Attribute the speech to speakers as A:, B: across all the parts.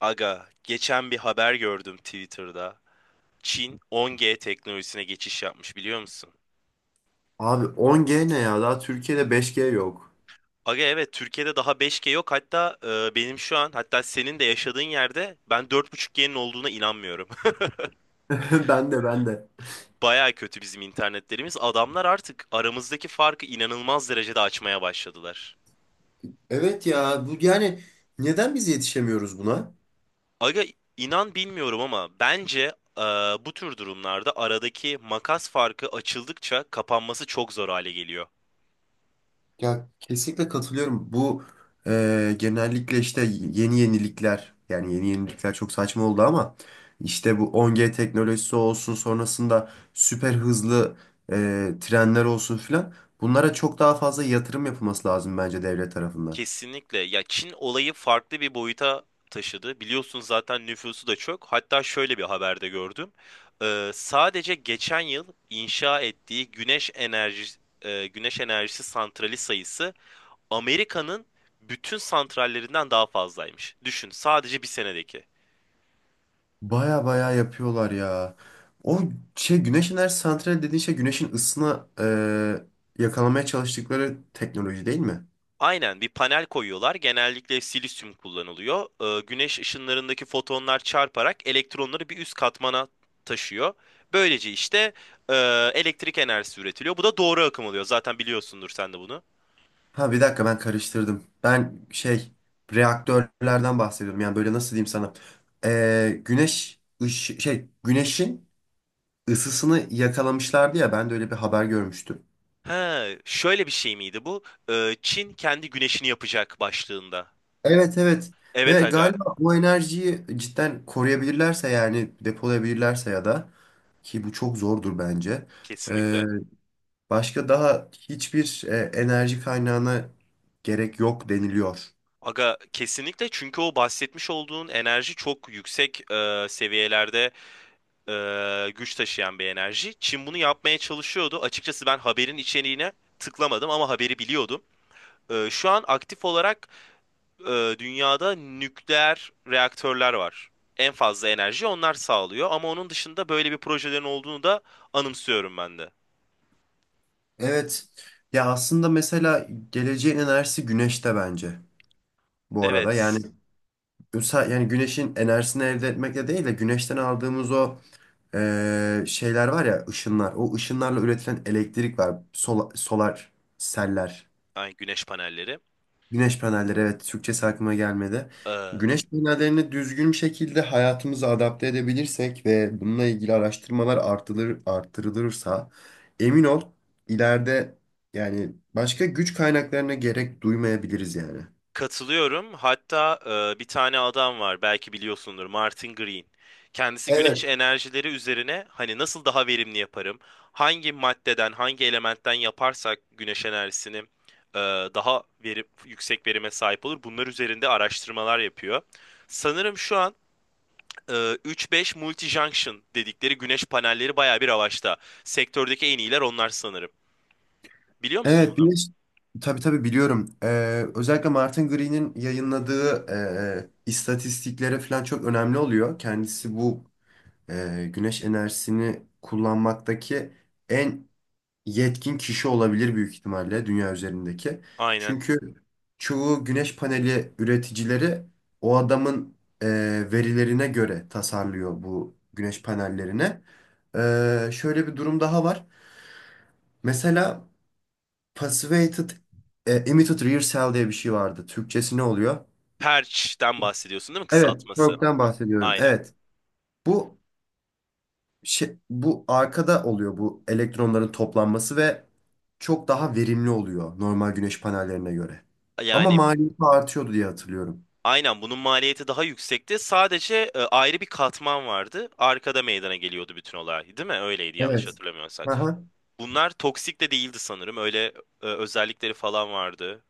A: Aga, geçen bir haber gördüm Twitter'da. Çin 10G teknolojisine geçiş yapmış biliyor musun?
B: Abi 10G ne ya? Daha Türkiye'de 5G yok.
A: Aga evet Türkiye'de daha 5G yok. Hatta benim şu an hatta senin de yaşadığın yerde ben 4.5G'nin olduğuna inanmıyorum.
B: Ben de ben de.
A: Baya kötü bizim internetlerimiz. Adamlar artık aramızdaki farkı inanılmaz derecede açmaya başladılar.
B: Evet ya bu yani neden biz yetişemiyoruz buna?
A: Aga inan bilmiyorum ama bence e, bu tür durumlarda aradaki makas farkı açıldıkça kapanması çok zor hale geliyor.
B: Ya kesinlikle katılıyorum. Bu genellikle işte yeni yenilikler çok saçma oldu ama işte bu 10G teknolojisi olsun sonrasında süper hızlı trenler olsun filan bunlara çok daha fazla yatırım yapılması lazım bence devlet tarafından.
A: Kesinlikle. Ya Çin olayı farklı bir boyuta taşıdı. Biliyorsun zaten nüfusu da çok. Hatta şöyle bir haberde gördüm. Sadece geçen yıl inşa ettiği güneş enerjisi santrali sayısı Amerika'nın bütün santrallerinden daha fazlaymış. Düşün, sadece bir senedeki.
B: Baya baya yapıyorlar ya. O şey güneş enerji santrali dediğin şey güneşin ısısına yakalamaya çalıştıkları teknoloji değil mi?
A: Aynen bir panel koyuyorlar. Genellikle silisyum kullanılıyor. Güneş ışınlarındaki fotonlar çarparak elektronları bir üst katmana taşıyor. Böylece işte e, elektrik enerjisi üretiliyor. Bu da doğru akım oluyor. Zaten biliyorsundur sen de bunu.
B: Ha bir dakika ben karıştırdım. Ben şey reaktörlerden bahsediyorum. Yani böyle nasıl diyeyim sana? Şey güneşin ısısını yakalamışlardı ya ben de öyle bir haber görmüştüm.
A: Ha, şöyle bir şey miydi bu? Çin kendi güneşini yapacak başlığında.
B: Evet evet.
A: Evet
B: Ve
A: aga,
B: galiba bu enerjiyi cidden koruyabilirlerse yani depolayabilirlerse ya da ki bu çok zordur bence.
A: kesinlikle.
B: Başka daha hiçbir enerji kaynağına gerek yok deniliyor.
A: Aga kesinlikle çünkü o bahsetmiş olduğun enerji çok yüksek seviyelerde güç taşıyan bir enerji. Çin bunu yapmaya çalışıyordu. Açıkçası ben haberin içeriğine tıklamadım ama haberi biliyordum. Şu an aktif olarak dünyada nükleer reaktörler var. En fazla enerji onlar sağlıyor ama onun dışında böyle bir projelerin olduğunu da anımsıyorum ben de.
B: Evet. Ya aslında mesela geleceğin enerjisi güneşte bence bu arada. Yani
A: Evet,
B: yani güneşin enerjisini elde etmekle değil de güneşten aldığımız o şeyler var ya ışınlar. O ışınlarla üretilen elektrik var. Solar seller.
A: ay güneş panelleri.
B: Güneş panelleri evet Türkçesi aklıma gelmedi.
A: E,
B: Güneş panellerini düzgün bir şekilde hayatımıza adapte edebilirsek ve bununla ilgili araştırmalar artırılır, artırılırsa emin ol ileride yani başka güç kaynaklarına gerek duymayabiliriz yani.
A: Katılıyorum. Hatta bir tane adam var belki biliyorsundur Martin Green. Kendisi güneş
B: Evet.
A: enerjileri üzerine hani nasıl daha verimli yaparım? Hangi maddeden, hangi elementten yaparsak güneş enerjisini daha yüksek verime sahip olur. Bunlar üzerinde araştırmalar yapıyor. Sanırım şu an 3-5 multi-junction dedikleri güneş panelleri baya bir avaçta. Sektördeki en iyiler onlar sanırım. Biliyor musun
B: Evet
A: bunu?
B: bir tabii tabii biliyorum. Özellikle Martin Green'in yayınladığı istatistiklere falan çok önemli oluyor. Kendisi bu güneş enerjisini kullanmaktaki en yetkin kişi olabilir büyük ihtimalle dünya üzerindeki.
A: Aynen.
B: Çünkü çoğu güneş paneli üreticileri o adamın verilerine göre tasarlıyor bu güneş panellerini. Şöyle bir durum daha var. Mesela Passivated Emitted Rear Cell diye bir şey vardı. Türkçesi ne oluyor?
A: Perç'ten bahsediyorsun değil mi
B: Evet.
A: kısaltması?
B: Work'ten bahsediyorum.
A: Aynen.
B: Evet. Bu şey, bu arkada oluyor bu elektronların toplanması ve çok daha verimli oluyor normal güneş panellerine göre. Ama
A: Yani
B: maliyeti artıyordu diye hatırlıyorum.
A: aynen bunun maliyeti daha yüksekti. Sadece ayrı bir katman vardı. Arkada meydana geliyordu bütün olay, değil mi? Öyleydi yanlış
B: Evet.
A: hatırlamıyorsak.
B: Aha.
A: Bunlar toksik de değildi sanırım. Öyle özellikleri falan vardı.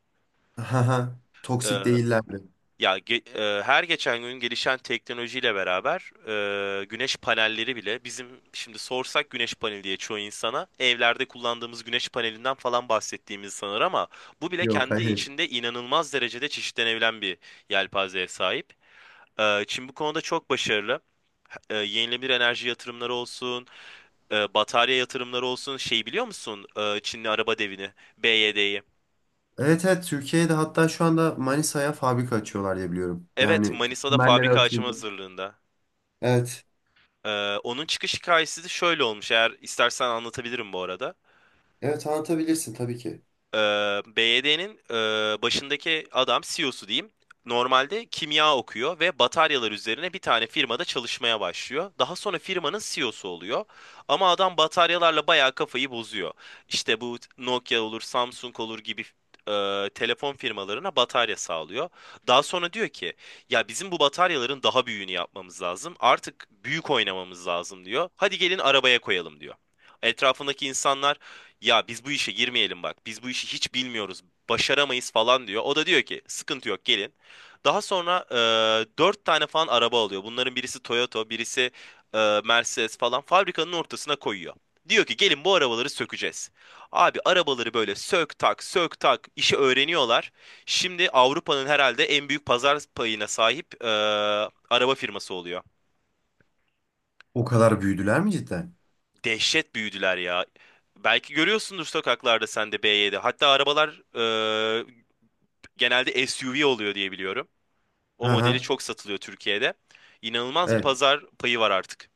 B: Aha. Toksik
A: E,
B: değillerdi.
A: ya ge- her geçen gün gelişen teknolojiyle beraber güneş panelleri bile bizim şimdi sorsak güneş paneli diye çoğu insana evlerde kullandığımız güneş panelinden falan bahsettiğimizi sanır ama bu bile
B: Yok
A: kendi
B: hayır.
A: içinde inanılmaz derecede çeşitlenebilen bir yelpazeye sahip. Çin bu konuda çok başarılı. Yenilenebilir enerji yatırımları olsun, batarya yatırımları olsun. Şey biliyor musun? Çinli araba devini, BYD'yi.
B: Evet evet Türkiye'de hatta şu anda Manisa'ya fabrika açıyorlar diye biliyorum.
A: Evet,
B: Yani
A: Manisa'da
B: temelleri
A: fabrika açma
B: atıldı.
A: hazırlığında.
B: Evet.
A: Onun çıkış hikayesi de şöyle olmuş. Eğer istersen anlatabilirim bu arada.
B: Evet anlatabilirsin tabii ki.
A: Ee, BYD'nin başındaki adam CEO'su diyeyim. Normalde kimya okuyor ve bataryalar üzerine bir tane firmada çalışmaya başlıyor. Daha sonra firmanın CEO'su oluyor. Ama adam bataryalarla bayağı kafayı bozuyor. İşte bu Nokia olur, Samsung olur gibi telefon firmalarına batarya sağlıyor. Daha sonra diyor ki, ya bizim bu bataryaların daha büyüğünü yapmamız lazım. Artık büyük oynamamız lazım diyor. Hadi gelin arabaya koyalım diyor. Etrafındaki insanlar ya biz bu işe girmeyelim bak. Biz bu işi hiç bilmiyoruz. Başaramayız falan diyor. O da diyor ki sıkıntı yok gelin. Daha sonra 4 tane falan araba alıyor. Bunların birisi Toyota, birisi Mercedes falan fabrikanın ortasına koyuyor. Diyor ki gelin bu arabaları sökeceğiz. Abi arabaları böyle sök tak sök tak işi öğreniyorlar. Şimdi Avrupa'nın herhalde en büyük pazar payına sahip araba firması oluyor.
B: O kadar büyüdüler mi cidden?
A: Dehşet büyüdüler ya. Belki görüyorsundur sokaklarda sen de B7. Hatta arabalar e, genelde SUV oluyor diye biliyorum. O modeli
B: Aha.
A: çok satılıyor Türkiye'de. İnanılmaz bir
B: Evet.
A: pazar payı var artık.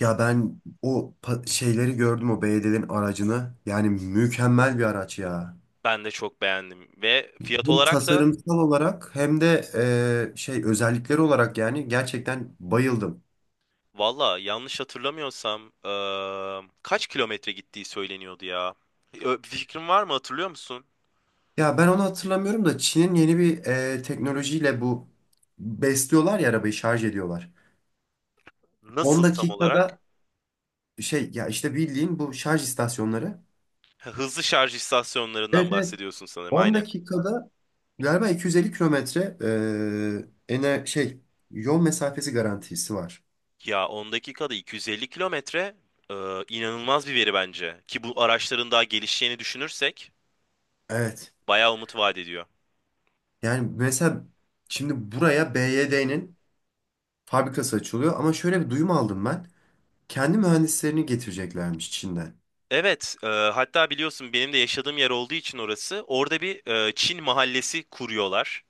B: Ya ben o şeyleri gördüm o belediyenin aracını. Yani mükemmel bir araç ya.
A: Ben de çok beğendim. Ve fiyat
B: Hem
A: olarak da
B: tasarımsal olarak hem de şey özellikleri olarak yani gerçekten bayıldım.
A: valla yanlış hatırlamıyorsam kaç kilometre gittiği söyleniyordu ya. Bir fikrin var mı hatırlıyor musun?
B: Ya ben onu hatırlamıyorum da Çin'in yeni bir teknolojiyle bu besliyorlar ya arabayı şarj ediyorlar. 10
A: Nasıl tam
B: dakikada
A: olarak?
B: şey ya işte bildiğin bu şarj istasyonları.
A: Ha, hızlı şarj istasyonlarından
B: Evet evet
A: bahsediyorsun sanırım.
B: 10
A: Aynen.
B: dakikada galiba 250 kilometre e, ene şey yol mesafesi garantisi var.
A: Ya 10 dakikada 250 kilometre e, inanılmaz bir veri bence. Ki bu araçların daha gelişeceğini düşünürsek
B: Evet.
A: bayağı umut vaat ediyor.
B: Yani mesela şimdi buraya BYD'nin fabrikası açılıyor ama şöyle bir duyum aldım ben. Kendi mühendislerini getireceklermiş Çin'den.
A: Evet, hatta biliyorsun benim de yaşadığım yer olduğu için orası. Orada bir Çin mahallesi kuruyorlar.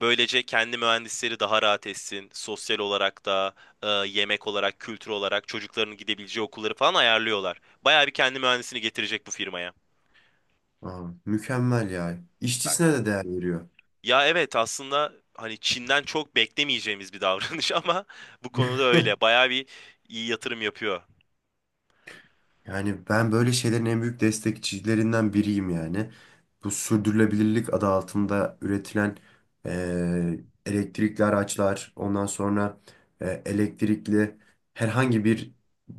A: Böylece kendi mühendisleri daha rahat etsin. Sosyal olarak da, yemek olarak, kültür olarak çocukların gidebileceği okulları falan ayarlıyorlar. Bayağı bir kendi mühendisini getirecek bu firmaya.
B: Aa, mükemmel ya. İşçisine de değer veriyor.
A: Ya evet aslında hani Çin'den çok beklemeyeceğimiz bir davranış ama bu konuda öyle. Bayağı bir iyi yatırım yapıyor.
B: Yani ben böyle şeylerin en büyük destekçilerinden biriyim yani. Bu sürdürülebilirlik adı altında üretilen eee, elektrikli araçlar, ondan sonra elektrikli herhangi bir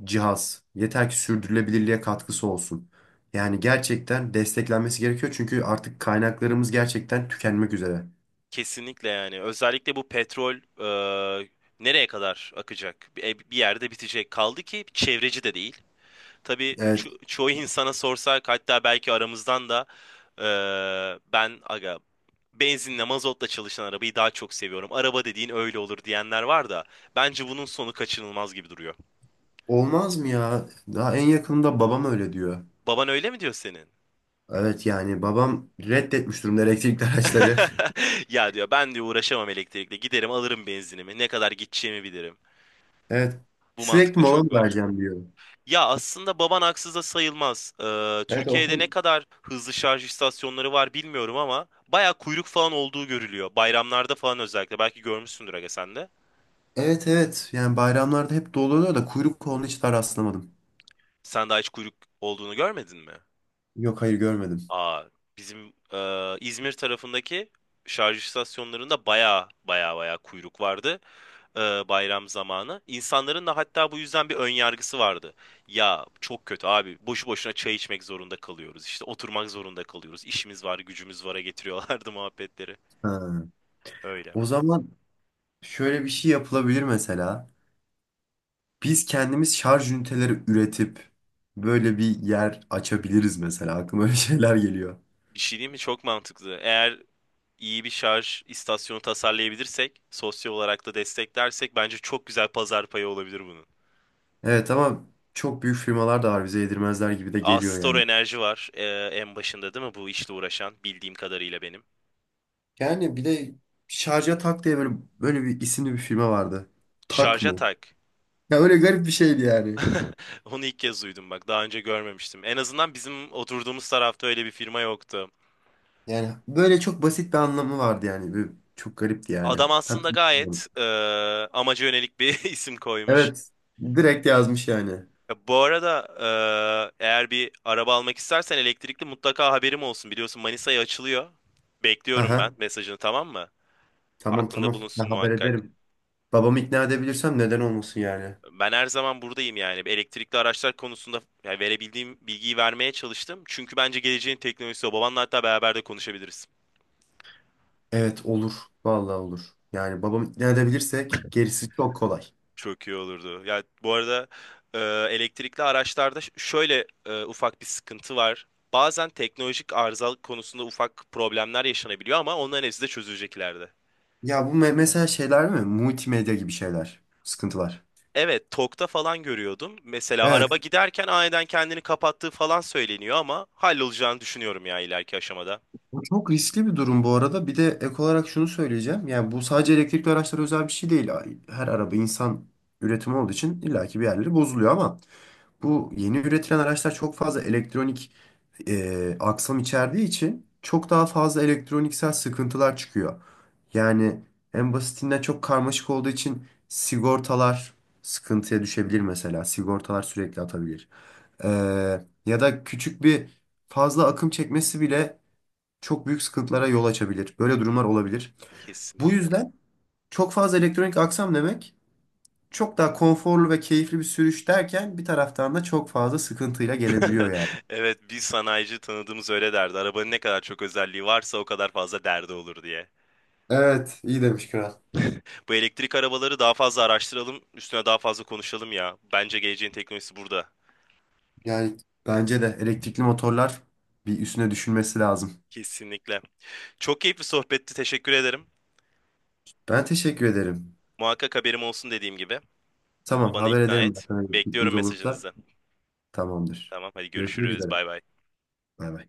B: cihaz. Yeter ki sürdürülebilirliğe katkısı olsun. Yani gerçekten desteklenmesi gerekiyor çünkü artık kaynaklarımız gerçekten tükenmek üzere.
A: Kesinlikle yani. Özellikle bu petrol e, nereye kadar akacak? Bir yerde bitecek. Kaldı ki çevreci de değil. Tabii
B: Evet,
A: çoğu insana sorsak hatta belki aramızdan da e, ben aga benzinle mazotla çalışan arabayı daha çok seviyorum. Araba dediğin öyle olur diyenler var da bence bunun sonu kaçınılmaz gibi duruyor.
B: olmaz mı ya? Daha en yakında babam öyle diyor.
A: Baban öyle mi diyor senin?
B: Evet yani babam reddetmiş durumda elektrikli araçları.
A: Ya diyor ben diyor uğraşamam elektrikle. Giderim alırım benzinimi. Ne kadar gideceğimi bilirim.
B: Evet.
A: Bu
B: Sürekli
A: mantıkta
B: mola mı
A: çok var.
B: vereceğim diyor.
A: Ya aslında baban haksız da sayılmaz.
B: Evet
A: Türkiye'de ne
B: okul.
A: kadar hızlı şarj istasyonları var bilmiyorum ama baya kuyruk falan olduğu görülüyor. Bayramlarda falan özellikle. Belki görmüşsündür aga sen de.
B: Evet evet. Yani bayramlarda hep dolu oluyor da kuyruk koluna hiç daha rastlamadım.
A: Sen daha hiç kuyruk olduğunu görmedin mi?
B: Yok hayır görmedim.
A: Aa, bizim İzmir tarafındaki şarj istasyonlarında baya baya baya kuyruk vardı. e, bayram zamanı. İnsanların da hatta bu yüzden bir ön yargısı vardı. Ya çok kötü abi boşu boşuna çay içmek zorunda kalıyoruz. İşte oturmak zorunda kalıyoruz. İşimiz var, gücümüz var'a getiriyorlardı muhabbetleri.
B: Ha.
A: Öyle.
B: O zaman şöyle bir şey yapılabilir mesela. Biz kendimiz şarj üniteleri üretip böyle bir yer açabiliriz mesela. Aklıma öyle şeyler geliyor.
A: Bir şey değil mi? Çok mantıklı. Eğer iyi bir şarj istasyonu tasarlayabilirsek, sosyal olarak da desteklersek bence çok güzel pazar payı olabilir bunun.
B: Evet ama çok büyük firmalar da var bize yedirmezler gibi de geliyor
A: Astor
B: yani.
A: Enerji var en başında değil mi bu işle uğraşan bildiğim kadarıyla benim.
B: Yani bir de şarja tak diye böyle bir isimli bir firma vardı. Tak
A: Şarja
B: mı?
A: tak.
B: Ya öyle garip bir şeydi yani.
A: Onu ilk kez duydum bak. Daha önce görmemiştim. En azından bizim oturduğumuz tarafta öyle bir firma yoktu.
B: Yani böyle çok basit bir anlamı vardı yani. Çok garipti yani.
A: Adam
B: Tam
A: aslında
B: bilmiyorum.
A: gayet amaca yönelik bir isim koymuş.
B: Evet. Direkt yazmış yani.
A: Bu arada eğer bir araba almak istersen elektrikli mutlaka haberim olsun. Biliyorsun Manisa'ya açılıyor. Bekliyorum ben
B: Haha.
A: mesajını tamam mı?
B: Tamam
A: Aklında
B: tamam. Ben
A: bulunsun
B: haber
A: muhakkak.
B: ederim. Babamı ikna edebilirsem neden olmasın yani.
A: Ben her zaman buradayım yani. Elektrikli araçlar konusunda yani verebildiğim bilgiyi vermeye çalıştım. Çünkü bence geleceğin teknolojisi o. Babanla hatta beraber de konuşabiliriz.
B: Evet olur. Vallahi olur. Yani babamı ikna edebilirsek gerisi çok kolay.
A: Çok iyi olurdu. Ya bu arada e, elektrikli araçlarda şöyle ufak bir sıkıntı var. Bazen teknolojik arızalık konusunda ufak problemler yaşanabiliyor ama onların hepsi de çözülecek ileride.
B: Ya bu mesela şeyler mi? Multimedya gibi şeyler. Sıkıntılar.
A: Evet, TOK'ta falan görüyordum. Mesela
B: Evet.
A: araba giderken aniden kendini kapattığı falan söyleniyor ama hallolacağını düşünüyorum ya ileriki aşamada.
B: Bu çok riskli bir durum bu arada. Bir de ek olarak şunu söyleyeceğim. Yani bu sadece elektrikli araçlara özel bir şey değil. Her araba insan üretimi olduğu için illaki bir yerleri bozuluyor ama bu yeni üretilen araçlar çok fazla elektronik aksam içerdiği için çok daha fazla elektroniksel sıkıntılar çıkıyor. Yani en basitinden çok karmaşık olduğu için sigortalar sıkıntıya düşebilir mesela. Sigortalar sürekli atabilir. Ee, ya da küçük bir fazla akım çekmesi bile çok büyük sıkıntılara yol açabilir. Böyle durumlar olabilir. Bu
A: Kesinlikle.
B: yüzden çok fazla elektronik aksam demek çok daha konforlu ve keyifli bir sürüş derken bir taraftan da çok fazla sıkıntıyla gelebiliyor yani.
A: Evet, bir sanayici tanıdığımız öyle derdi. Arabanın ne kadar çok özelliği varsa o kadar fazla derdi olur diye.
B: Evet, iyi demiş Kral.
A: Bu elektrik arabaları daha fazla araştıralım, üstüne daha fazla konuşalım ya. Bence geleceğin teknolojisi burada.
B: Yani bence de elektrikli motorlar bir üstüne düşünmesi lazım.
A: Kesinlikle. Çok keyifli sohbetti, teşekkür ederim.
B: Ben teşekkür ederim.
A: Muhakkak haberim olsun dediğim gibi.
B: Tamam,
A: Bana
B: haber
A: ikna
B: ederim ben
A: et.
B: sana
A: Bekliyorum
B: elektriklimiz olursa.
A: mesajınızı.
B: Tamamdır.
A: Tamam, hadi
B: Görüşmek
A: görüşürüz.
B: üzere.
A: Bay bay.
B: Bay bay.